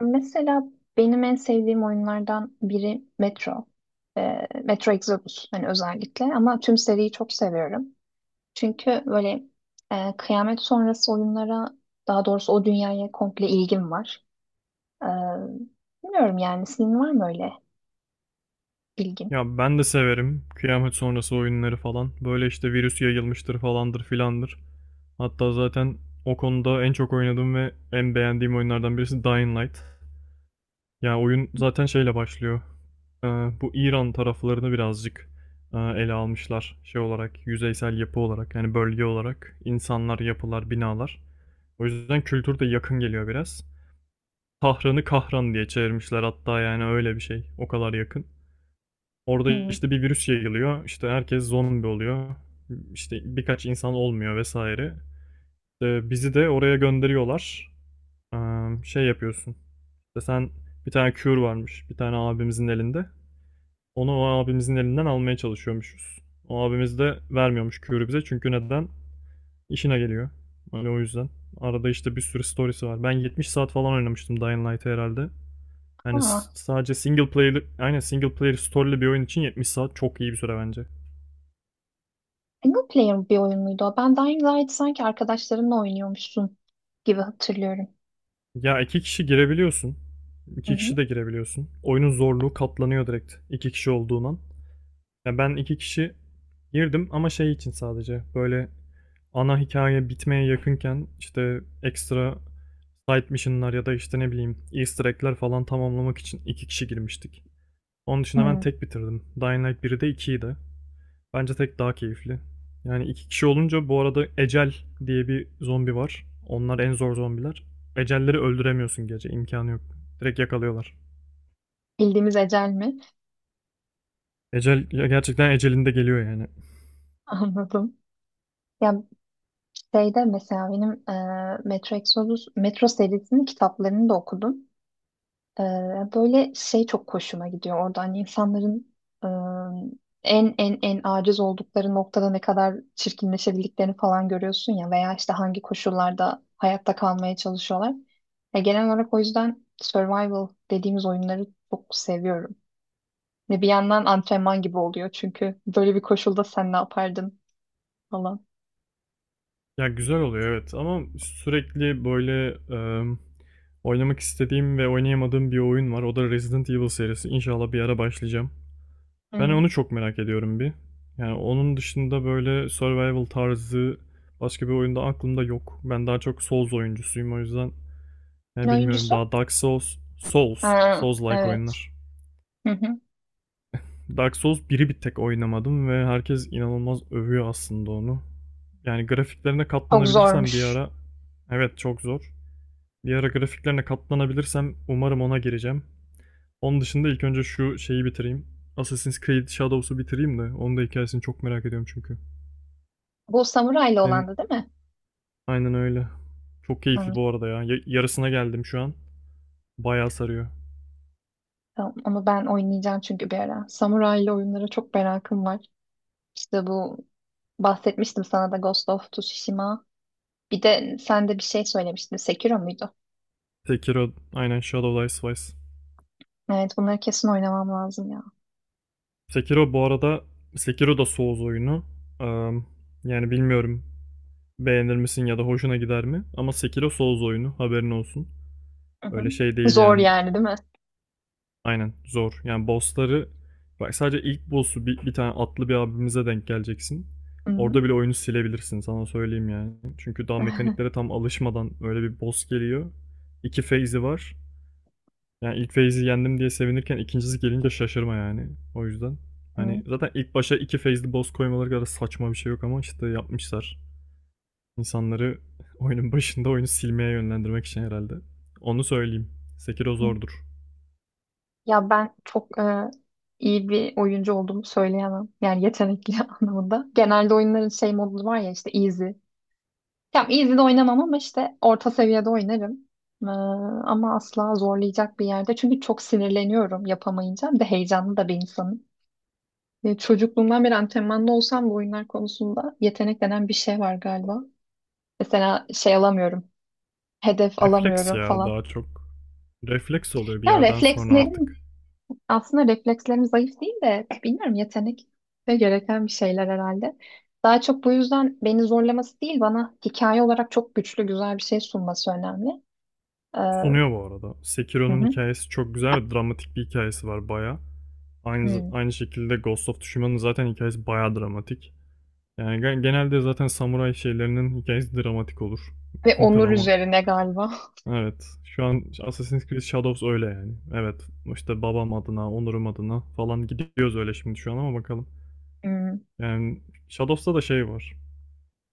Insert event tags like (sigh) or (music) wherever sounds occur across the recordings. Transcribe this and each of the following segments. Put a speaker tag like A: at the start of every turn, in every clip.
A: Mesela benim en sevdiğim oyunlardan biri Metro. Metro Exodus hani özellikle ama tüm seriyi çok seviyorum. Çünkü böyle kıyamet sonrası oyunlara daha doğrusu o dünyaya komple ilgim var. Ee, bilmiyorum yani senin var mı öyle ilgin?
B: Ya ben de severim kıyamet sonrası oyunları falan. Böyle işte virüs yayılmıştır falandır filandır. Hatta zaten o konuda en çok oynadığım ve en beğendiğim oyunlardan birisi Dying Light. Ya oyun zaten şeyle başlıyor. Ee, bu İran taraflarını birazcık ele almışlar şey olarak, yüzeysel yapı olarak yani bölge olarak insanlar, yapılar, binalar. O yüzden kültür de yakın geliyor biraz. Tahran'ı Kahran diye çevirmişler hatta yani öyle bir şey. O kadar yakın. Orada
A: Hmm.
B: işte bir virüs yayılıyor. İşte herkes zombi oluyor. İşte birkaç insan olmuyor vesaire. İşte bizi de oraya gönderiyorlar. Şey yapıyorsun. İşte sen bir tane cure varmış. Bir tane abimizin elinde. Onu o abimizin elinden almaya çalışıyormuşuz. O abimiz de vermiyormuş cure'ü bize. Çünkü neden? İşine geliyor. Öyle o yüzden. Arada işte bir sürü storiesi var. Ben 70 saat falan oynamıştım Dying Light'ı herhalde. Yani
A: Aa,
B: sadece single player, aynen single player story'li bir oyun için 70 saat çok iyi bir süre bence.
A: single player bir oyun muydu o? Ben Dying Light sanki arkadaşlarınla oynuyormuşsun gibi hatırlıyorum.
B: Ya iki kişi girebiliyorsun.
A: Hı
B: İki kişi
A: hı.
B: de girebiliyorsun. Oyunun zorluğu katlanıyor direkt iki kişi olduğundan. Ya ben iki kişi girdim ama şey için sadece böyle ana hikaye bitmeye yakınken işte ekstra side mission'lar ya da işte ne bileyim easter egg'ler falan tamamlamak için iki kişi girmiştik. Onun dışında ben
A: Hmm.
B: tek bitirdim. Dying Light biri de ikiyi de. Bence tek daha keyifli. Yani iki kişi olunca bu arada Ecel diye bir zombi var. Onlar en zor zombiler. Ecelleri öldüremiyorsun gece. İmkanı yok. Direkt yakalıyorlar.
A: Bildiğimiz ecel mi?
B: Ecel ya gerçekten ecelinde geliyor yani.
A: (laughs) Anladım. Ya şeyde mesela benim Metro Exodus, Metro serisinin kitaplarını da okudum. E, böyle şey çok hoşuma gidiyor orada. Hani insanların e, en aciz oldukları noktada ne kadar çirkinleşebildiklerini falan görüyorsun ya veya işte hangi koşullarda hayatta kalmaya çalışıyorlar. Genel olarak o yüzden survival dediğimiz oyunları çok seviyorum. Ve bir yandan antrenman gibi oluyor çünkü böyle bir koşulda sen ne yapardın falan.
B: Ya güzel oluyor evet ama sürekli böyle e, oynamak istediğim ve oynayamadığım bir oyun var. O da Resident Evil serisi. İnşallah bir ara başlayacağım. Ben
A: Hmm.
B: onu çok merak ediyorum bir. Yani onun dışında böyle survival tarzı başka bir oyunda aklımda yok. Ben daha çok Souls oyuncusuyum o yüzden. Yani
A: Ne
B: bilmiyorum
A: oyuncusu?
B: daha Dark Souls, Souls,
A: Ha,
B: Souls-like
A: evet.
B: oyunlar.
A: (laughs)
B: Dark Souls biri bir tek oynamadım ve herkes inanılmaz övüyor aslında onu. Yani grafiklerine
A: Çok
B: katlanabilirsem bir
A: zormuş.
B: ara, evet çok zor. Bir ara grafiklerine katlanabilirsem umarım ona gireceğim. Onun dışında ilk önce şu şeyi bitireyim. Assassin's Creed Shadows'u bitireyim de onun da hikayesini çok merak ediyorum çünkü.
A: Bu samurayla
B: Senin
A: olandı değil mi?
B: aynen öyle. Çok
A: Hı,
B: keyifli bu arada ya. Yarısına geldim şu an. Bayağı sarıyor.
A: tamam. Onu ben oynayacağım çünkü bir ara. Samuraylı oyunlara çok merakım var. İşte bu bahsetmiştim sana da Ghost of Tsushima. Bir de sen de bir şey söylemiştin. Sekiro muydu?
B: Sekiro, aynen Shadow Dice Twice.
A: Evet bunları kesin oynamam lazım ya.
B: Sekiro bu arada Sekiro da Souls oyunu. Eee, yani bilmiyorum beğenir misin ya da hoşuna gider mi? Ama Sekiro Souls oyunu haberin olsun.
A: Hı hı.
B: Öyle şey değil
A: Zor
B: yani.
A: yani değil mi?
B: Aynen zor. Yani bossları bak sadece ilk boss'u bir tane atlı bir abimize denk geleceksin.
A: Hı hı.
B: Orada bile oyunu silebilirsin sana söyleyeyim yani. Çünkü daha mekaniklere
A: (laughs)
B: tam alışmadan öyle bir boss geliyor. İki phase'i var. Yani ilk phase'i yendim diye sevinirken ikincisi gelince şaşırma yani. O yüzden. Hani
A: Hı.
B: zaten ilk başa iki phase'li boss koymaları kadar saçma bir şey yok ama işte yapmışlar. İnsanları (laughs) oyunun başında oyunu silmeye yönlendirmek için herhalde. Onu söyleyeyim. Sekiro zordur.
A: Ya ben çok iyi bir oyuncu olduğumu söyleyemem. Yani yetenekli (laughs) anlamında. Genelde oyunların şey modu var ya işte easy. Ya easy'de oynamam ama işte orta seviyede oynarım. Ee, ama asla zorlayacak bir yerde. Çünkü çok sinirleniyorum yapamayınca. Bir de heyecanlı da bir insanım. Çocukluğumdan beri antrenmanda olsam bu oyunlar konusunda yetenek denen bir şey var galiba. Mesela şey alamıyorum. Hedef
B: Refleks
A: alamıyorum
B: ya
A: falan.
B: daha çok. Refleks oluyor bir
A: Ya
B: yerden sonra artık.
A: reflekslerim zayıf değil de bilmiyorum yetenek ve gereken bir şeyler herhalde. Daha çok bu yüzden beni zorlaması değil bana hikaye olarak çok güçlü güzel bir şey sunması önemli. Ee, Hı
B: Sunuyor bu arada. Sekiro'nun
A: hı.
B: hikayesi çok güzel ve dramatik bir hikayesi var baya. Aynı,
A: Hmm.
B: aynı şekilde Ghost of Tsushima'nın zaten hikayesi baya dramatik. Yani genelde zaten samuray şeylerinin hikayesi dramatik olur.
A: Ve
B: (laughs)
A: onur
B: Drama.
A: üzerine galiba. (laughs)
B: Evet. Şu an Assassin's Creed Shadows öyle yani. Evet. İşte babam adına, onurum adına falan gidiyoruz öyle şimdi şu an ama bakalım.
A: Hmm.
B: Yani Shadows'ta da şey var.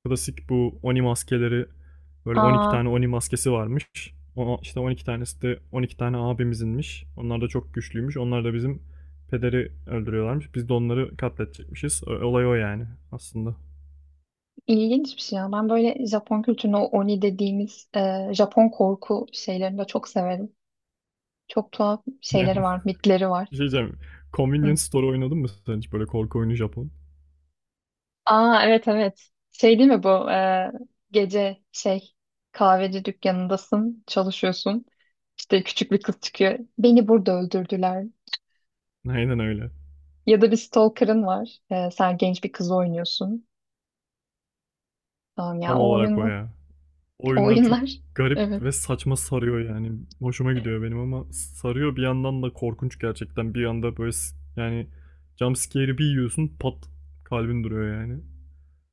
B: Klasik bu Oni maskeleri, böyle 12
A: Aa,
B: tane Oni maskesi varmış. O, işte 12 tanesi de 12 tane abimizinmiş. Onlar da çok güçlüymüş. Onlar da bizim pederi öldürüyorlarmış. Biz de onları katletecekmişiz. Olay o yani aslında.
A: ilginç bir şey ya. Ben böyle Japon kültürünü o Oni dediğimiz Japon korku şeylerini de çok severim. Çok tuhaf şeyleri var, mitleri
B: (laughs)
A: var.
B: Bir şey diyeceğim.
A: Hı.
B: Convenience Store oynadın mı sen hiç böyle korku oyunu Japon?
A: Aa evet evet. Şey değil mi bu? Gece şey kahveci dükkanındasın, çalışıyorsun. İşte küçük bir kız çıkıyor. Beni burada öldürdüler.
B: Aynen öyle.
A: Ya da bir stalker'ın var. E, sen genç bir kız oynuyorsun. Tamam
B: Tam
A: ya o
B: olarak o
A: oyunlar.
B: ya.
A: O
B: Oyunlar çok
A: oyunlar. (laughs)
B: garip
A: Evet.
B: ve saçma sarıyor yani. Hoşuma gidiyor benim ama sarıyor bir yandan da korkunç gerçekten. Bir yanda böyle yani jump scare'i bir yiyorsun pat, kalbin duruyor yani.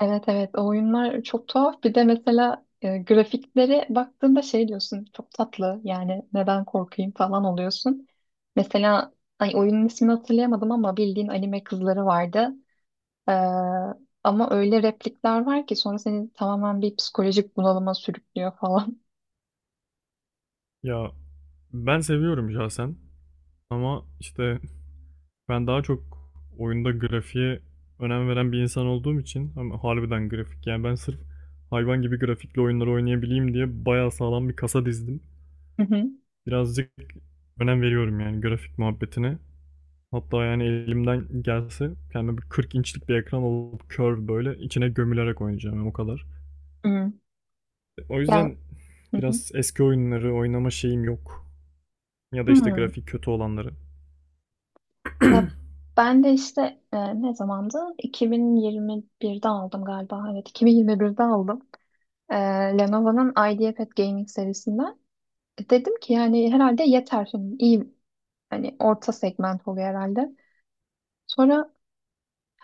A: Evet evet o oyunlar çok tuhaf. Bir de mesela grafiklere baktığında şey diyorsun çok tatlı yani neden korkayım falan oluyorsun. Mesela ay, oyunun ismini hatırlayamadım ama bildiğin anime kızları vardı. Ee, ama öyle replikler var ki sonra seni tamamen bir psikolojik bunalıma sürüklüyor falan. (laughs)
B: Ya ben seviyorum şahsen ama işte ben daha çok oyunda grafiğe önem veren bir insan olduğum için ama harbiden grafik yani ben sırf hayvan gibi grafikli oyunları oynayabileyim diye bayağı sağlam bir kasa dizdim.
A: Hı hı.
B: Birazcık önem veriyorum yani grafik muhabbetine. Hatta yani elimden gelse kendime bir 40 inçlik bir ekran alıp curve böyle içine gömülerek oynayacağım yani o kadar.
A: Hı.
B: O
A: Ya
B: yüzden
A: hı hı.
B: biraz eski oyunları oynama şeyim yok. Ya da işte
A: Hı.
B: grafik kötü olanları.
A: Ya ben de işte ne zamandı? 2021'de aldım galiba. Evet, 2021'de aldım. E, Lenovo'nun IdeaPad Gaming serisinden. E, dedim ki yani herhalde yeter şimdi. İyi hani orta segment oluyor herhalde. Sonra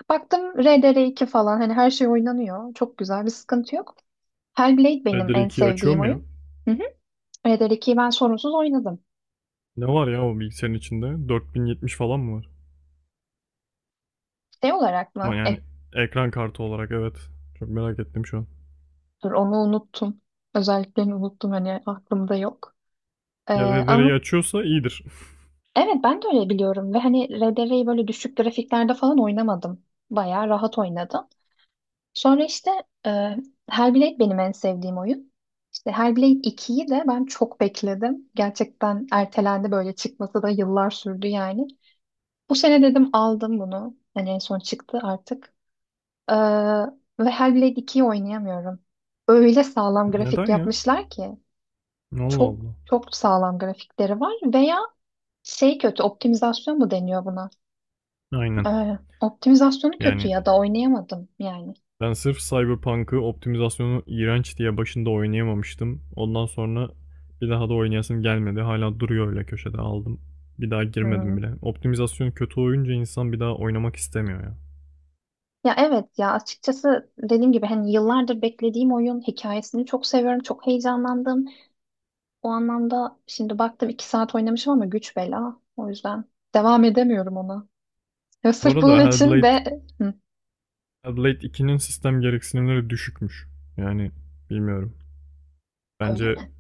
A: baktım rdr iki falan hani her şey oynanıyor. Çok güzel bir sıkıntı yok. Hellblade
B: Red
A: benim
B: Dead
A: en
B: 2'yi
A: sevdiğim
B: açıyorum ya.
A: oyun. Hı hı. RDR2'yi ben sorunsuz oynadım.
B: Ne var ya o bilgisayarın içinde? 4070 falan mı var?
A: Şey olarak
B: Ama
A: mı?
B: yani ekran kartı olarak evet. Çok merak ettim şu an.
A: Dur onu unuttum. Özelliklerini unuttum hani aklımda yok. Ee,
B: Ya RDR'yi
A: ama
B: açıyorsa iyidir.
A: evet ben de öyle biliyorum ve hani RDR'yi böyle düşük grafiklerde falan oynamadım. Bayağı rahat oynadım. Sonra işte e, Hellblade benim en sevdiğim oyun. İşte Hellblade 2'yi de ben çok bekledim. Gerçekten ertelendi böyle çıkması da yıllar sürdü yani. Bu sene dedim aldım bunu. Hani en son çıktı artık. Ee, ve Hellblade 2'yi oynayamıyorum. Öyle sağlam
B: (laughs)
A: grafik
B: Neden ya?
A: yapmışlar ki.
B: Allah
A: Çok
B: Allah.
A: çok sağlam grafikleri var veya şey kötü optimizasyon mu deniyor buna?
B: Aynen.
A: Optimizasyonu kötü
B: Yani
A: ya da oynayamadım yani.
B: ben sırf Cyberpunk'ı optimizasyonu iğrenç diye başında oynayamamıştım. Ondan sonra bir daha da oynayasım gelmedi. Hala duruyor öyle köşede aldım. Bir daha
A: Hmm.
B: girmedim bile. Optimizasyon kötü oyunca insan bir daha oynamak istemiyor ya.
A: Ya evet ya açıkçası dediğim gibi hani yıllardır beklediğim oyun hikayesini çok seviyorum çok heyecanlandım. O anlamda şimdi baktım 2 saat oynamışım ama güç bela o yüzden devam edemiyorum ona. Ya
B: Bu
A: sırf bunun
B: arada
A: için de Hı.
B: Hellblade 2'nin sistem gereksinimleri düşükmüş. Yani bilmiyorum.
A: Öyle
B: Bence
A: mi?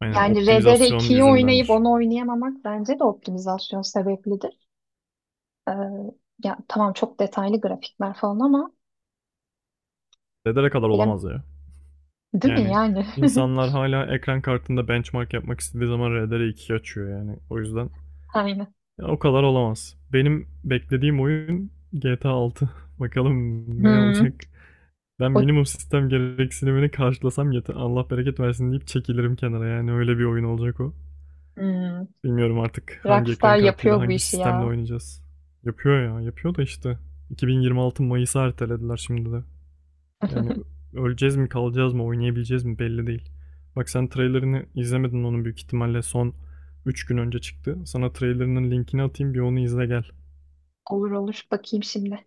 B: aynen
A: Yani
B: optimizasyon
A: RDR2'yi oynayıp
B: yüzündendir.
A: onu oynayamamak bence de optimizasyon sebepli. Ee, ya tamam çok detaylı grafikler falan ama
B: RDR'e kadar
A: bilemedim.
B: olamaz ya.
A: Değil mi
B: Yani
A: yani?
B: insanlar hala ekran kartında benchmark yapmak istediği zaman RDR 2 açıyor yani. O yüzden
A: (laughs) Aynen.
B: ya o kadar olamaz. Benim beklediğim oyun GTA 6. (laughs) Bakalım ne olacak.
A: Hmm.
B: Ben
A: O,
B: minimum sistem gereksinimini karşılasam yeter. Allah bereket versin deyip çekilirim kenara. Yani öyle bir oyun olacak o.
A: hmm.
B: Bilmiyorum artık hangi
A: Rockstar
B: ekran kartıyla,
A: yapıyor bu
B: hangi
A: işi
B: sistemle
A: ya.
B: oynayacağız. Yapıyor ya, yapıyor da işte. 2026 Mayıs'a ertelediler şimdi de. Yani
A: (laughs)
B: öleceğiz mi, kalacağız mı, oynayabileceğiz mi belli değil. Bak sen trailerini izlemedin onun büyük ihtimalle son 3 gün önce çıktı. Sana trailerinin linkini atayım bir onu izle gel.
A: Olur olur bakayım şimdi.